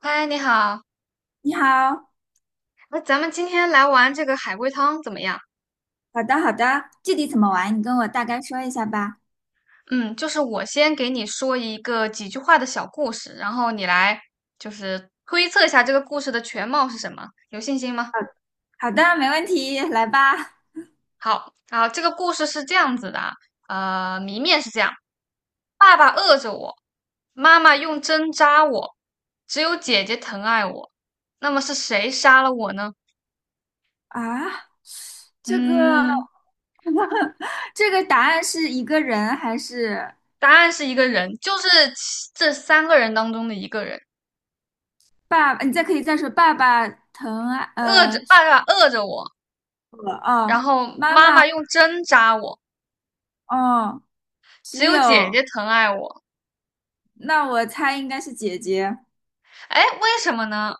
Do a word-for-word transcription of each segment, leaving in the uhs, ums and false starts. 嗨，你好，你好，那咱们今天来玩这个海龟汤怎么样？好的好的，具体怎么玩，你跟我大概说一下吧。嗯，就是我先给你说一个几句话的小故事，然后你来就是推测一下这个故事的全貌是什么，有信心吗？好好的，没问题，来吧。好，然后这个故事是这样子的啊，呃，谜面是这样：爸爸饿着我，妈妈用针扎我，只有姐姐疼爱我。那么是谁杀了我呢？啊，这个 嗯，这个答案是一个人还是答案是一个人，就是其这三个人当中的一个人。爸爸？你再可以再说爸爸疼爱饿着呃爸爸饿着我，我哦，然后妈妈妈妈用针扎我，哦，只只有姐姐有疼爱我。那我猜应该是姐姐。哎，为什么呢？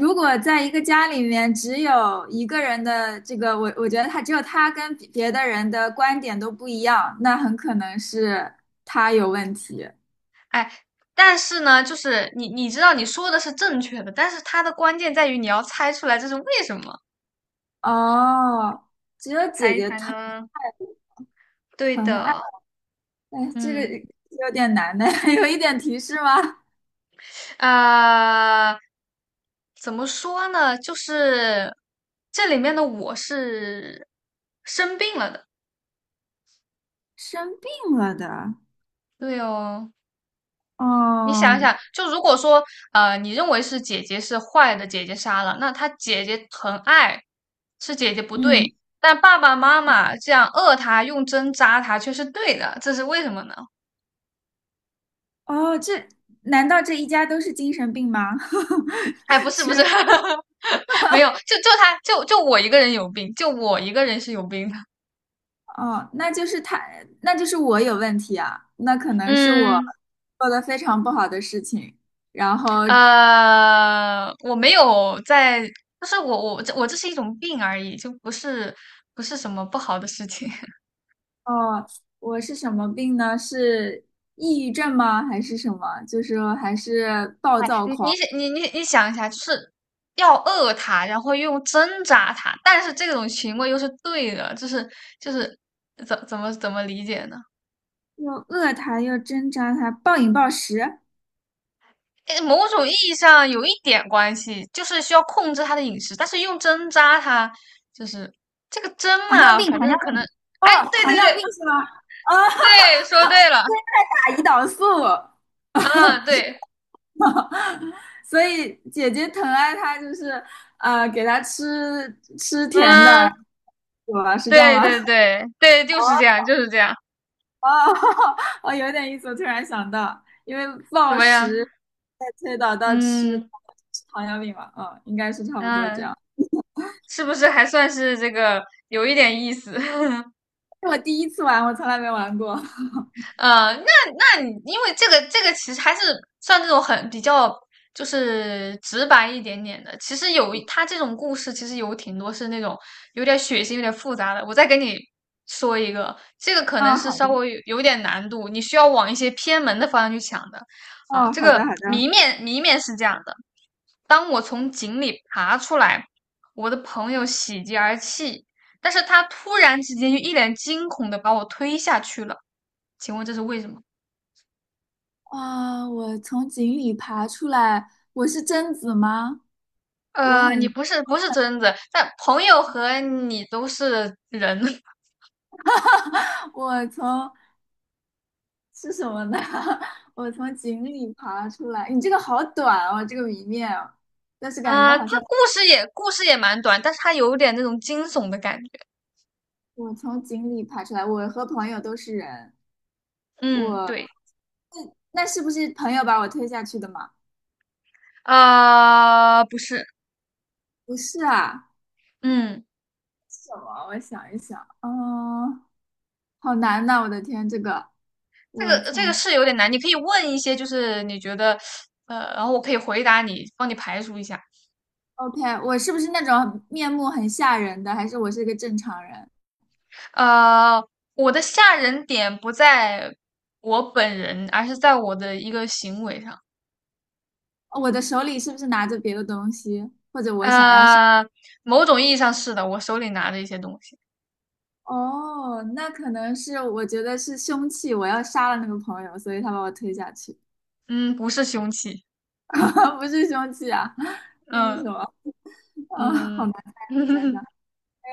如果在一个家里面只有一个人的这个，我我觉得他只有他跟别别的人的观点都不一样，那很可能是他有问题。哎，但是呢，就是你你知道你说的是正确的，但是它的关键在于你要猜出来这是为什么。哦，只有猜姐一姐猜疼呢？对疼爱，的，哎，这个嗯，有点难呢，有一点提示吗？呃，怎么说呢？就是这里面的我是生病了的。生病了的，对哦，你想一哦，想，就如果说，呃，你认为是姐姐是坏的，姐姐杀了，那她姐姐疼爱，是姐姐不嗯，对，但爸爸妈妈这样饿她，用针扎她却是对的，这是为什么呢？哦，这难道这一家都是精神病吗？哎，不是不是，没有，就就他就就我一个人有病，就我一个人是有病的。哦，那就是他，那就是我有问题啊，那可 能是我嗯，做的非常不好的事情。然后，呃，我没有在，就是我我这我这是一种病而已，就不是不是什么不好的事情。哦，我是什么病呢？是抑郁症吗？还是什么？就是说还是暴哎，躁你你狂，想你你你想一下，就是要饿它，然后用针扎它，但是这种行为又是对的，就是就是怎怎么怎么理解呢？又饿他，又挣扎他，暴饮暴食，诶某种意义上有一点关系，就是需要控制它的饮食，但是用针扎它，就是这个针糖尿嘛，病，反糖正尿可能，病，哎，哦，对糖对尿病对是吗？哦，对，说对了打胰岛素。啊，对，所以姐姐疼爱他，就是呃，给他吃吃甜的，嗯，我是这样对吗？对 对对，就是这样，就是这样，哦，我有点意思，我突然想到，因为怎暴么食样？再推导到吃嗯吃糖尿病嘛，嗯，应该是差不多这嗯。样。是不是还算是这个有一点意思？是我第一次玩，我从来没玩过。呃，那那你因为这个这个其实还是算这种很比较就是直白一点点的。其实有他这种故事，其实有挺多是那种有点血腥、有点复杂的。我再给你说一个，这个可能啊，是好稍的，微有有点难度，你需要往一些偏门的方向去想的。啊，哦，这好个的，好的。谜面谜面是这样的，当我从井里爬出来，我的朋友喜极而泣，但是他突然之间就一脸惊恐的把我推下去了。请问这是为什么？啊，我从井里爬出来，我是贞子吗？我呃，很，你不是不是贞子，但朋友和你都是人。我从是什么呢？我从井里爬出来。你这个好短哦，这个谜面哦但是感啊、觉呃他好像故事也故事也蛮短，但是他有点那种惊悚的感觉。我从井里爬出来，我和朋友都是人。嗯，我对，那那是不是朋友把我推下去的吗？呃，不是，不是啊，嗯，什么？我想一想，嗯，好难呐、我的天，这个这我个这个从 是有点难，你可以问一些，就是你觉得，呃，然后我可以回答你，帮你排除一下。OK，我是不是那种面目很吓人的，还是我是一个正常人？呃，我的吓人点不在我本人，而是在我的一个行为上。哦我的手里是不是拿着别的东西，或者我想要是？呃，某种意义上是的，我手里拿着一些东西，哦，那可能是我觉得是凶器，我要杀了那个朋友，所以他把我推下去，嗯，不是凶器，不是凶器啊，那是嗯什么？啊，好嗯，难猜啊，我想 想。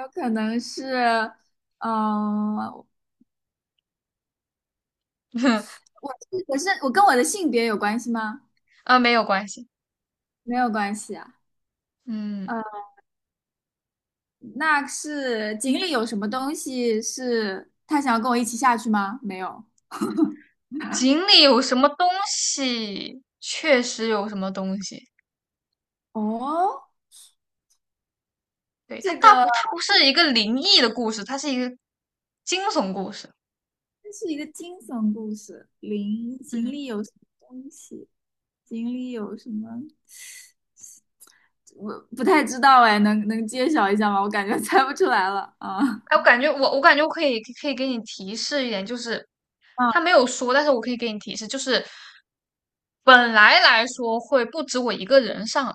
有可能是，嗯、我我是我跟我的性别有关系吗？啊，没有关系，没有关系啊。嗯，嗯，那是井里有什么东西是他想要跟我一起下去吗？没有。井里有什么东西，确实有什么东西，哦，对，它这大个不，它不是一个灵异的故事，它是一个惊悚故事，这是一个惊悚故事。林井嗯。里有什么东西？井里有什么？我不太知道哎，能能揭晓一下吗？我感觉猜不出来了啊。哎，我感觉我我感觉我可以可以给你提示一点，就是他没有说，但是我可以给你提示，就是本来来说会不止我一个人上来，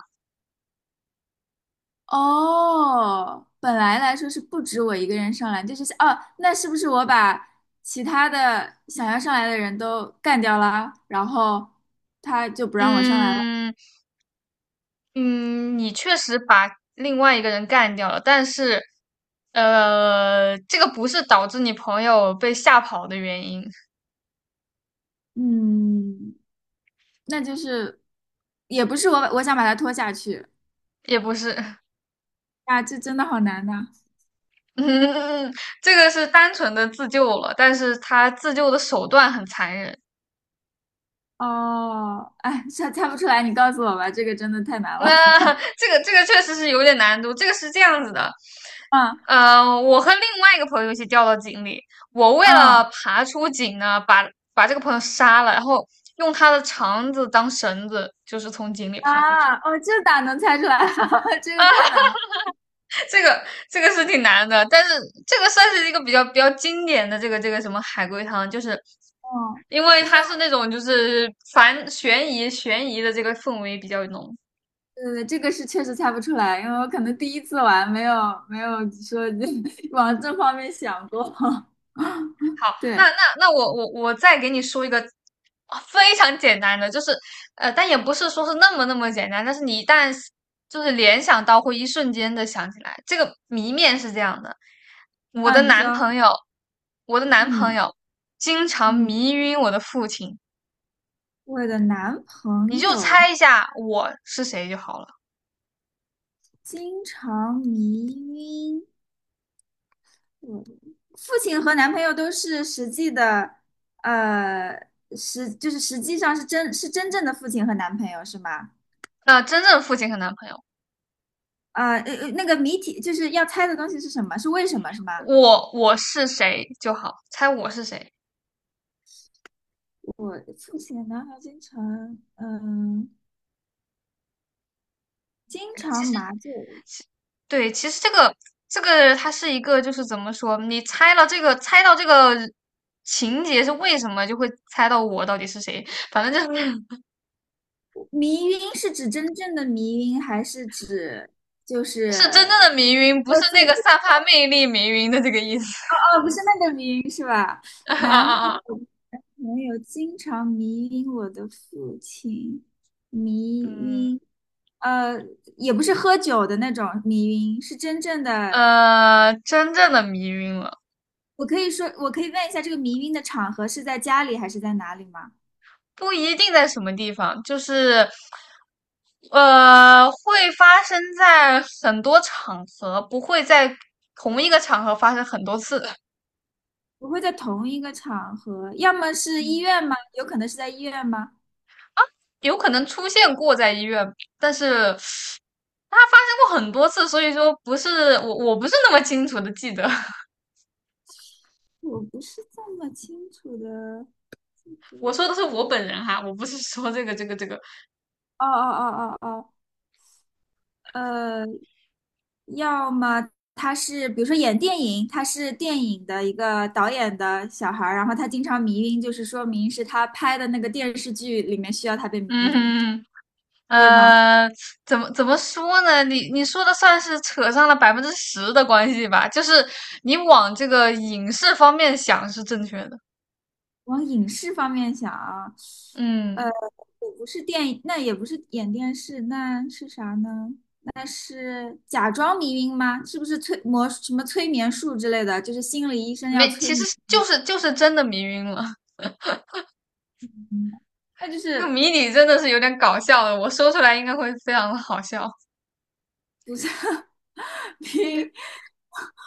哦，本来来说是不止我一个人上来，这就是哦，那是不是我把其他的想要上来的人都干掉了，然后他就不让我上来了？嗯嗯，你确实把另外一个人干掉了，但是呃，这个不是导致你朋友被吓跑的原因，嗯，那就是也不是我我想把他拖下去也不是，啊，这真的好难呐、嗯，这个是单纯的自救了，但是他自救的手段很残忍。哦，哎，猜猜不出来，你告诉我吧，这个真的太 难了。那、呃这个这个确实是有点难度。这个是这样子的，嗯呃，我和另外一个朋友一起掉到井里，我为嗯了爬出井呢，把把这个朋友杀了，然后用他的肠子当绳子，就是从井里爬出去。啊，哦，这咋能猜出来啊？这个太难了。这个这个是挺难的，但是这个算是一个比较比较经典的这个这个什么海龟汤，就是哦。因为它是那种就是反悬疑悬疑的这个氛围比较浓，对，这个是确实猜不出来，因为我可能第一次玩，没有没有说 往这方面想过。好，那对，那那我我我再给你说一个啊非常简单的，就是呃，但也不是说是那么那么简单，但是你一旦就是联想到，会一瞬间的想起来。这个谜面是这样的：我啊，的你男说，朋友，我的男朋嗯友经常嗯，迷晕我的父亲，我的男你朋就猜友一下我是谁就好了。经常迷晕我，父亲和男朋友都是实际的，呃，实就是实际上是真是真正的父亲和男朋友是吗？那真正父亲和男朋友，啊，呃，呃那个谜题就是要猜的东西是什么？是为什么是吗？我我是谁就好，猜我是谁。我父亲的男孩经常，嗯。经其常实麻醉，对，其实这个这个它是一个，就是怎么说，你猜了这个，猜到这个情节是为什么，就会猜到我到底是谁。反正就是 迷晕是指真正的迷晕，还是指就 是真正是的迷晕，不是喝醉？那个散发魅力迷晕的这个意思。哦，不是那个迷晕是吧？啊男啊朋啊！男朋友经常迷晕我的父亲，迷嗯，晕，呃，也不是喝酒的那种迷晕，是真正的。呃，真正的迷晕了，我可以说，我可以问一下，这个迷晕的场合是在家里还是在哪里吗？不一定在什么地方，就是呃，会发生在很多场合，不会在同一个场合发生很多次。不会在同一个场合，要么是医院吗？有可能是在医院吗？有可能出现过在医院，但是它发生过很多次，所以说不是我我不是那么清楚的记得。我不是这么清楚的记得。这我个说的是我本人哈，我不是说这个这个这个，哦哦哦哦哦，呃，要么他是，比如说演电影，他是电影的一个导演的小孩儿，然后他经常迷晕，就是说明是他拍的那个电视剧里面需要他被迷嗯晕，哼。可以吗？呃，怎么怎么说呢？你你说的算是扯上了百分之十的关系吧，就是你往这个影视方面想是正确的。往影视方面想啊，呃，嗯，也不是电影，那也不是演电视，那是啥呢？那是假装迷晕吗？是不是催魔什么催眠术之类的？就是心理医生要没，催其实眠，就是就是真的迷晕了。嗯那就 这个是谜底真的是有点搞笑的，我说出来应该会非常的好笑。不是 迷嗯 晕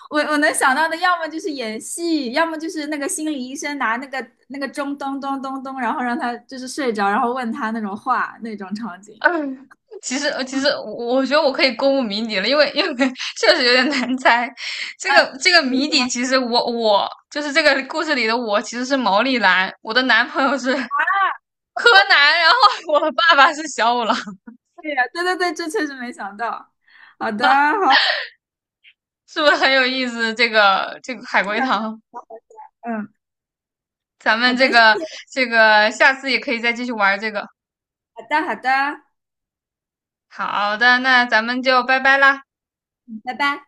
我我能想到的，要么就是演戏，要么就是那个心理医生拿那个那个钟咚咚咚咚，然后让他就是睡着，然后问他那种话那种场 景。嗯，其实呃其实我我觉得我可以公布谜底了，因为因为 确实有点难猜。这嗯，个这个你谜底，说。其实我我就是这个故事里的我，其实是毛利兰，我的男朋友是柯南，然后 我的爸爸是小五郎，对呀，对对对，这确实没想到。好的，好，是不是很有意思？这个这个海非龟常汤，有好好笑嗯，咱好们的，这谢个谢，这个下次也可以再继续玩这个。好的，好的，好的，那咱们就拜拜啦。嗯拜拜。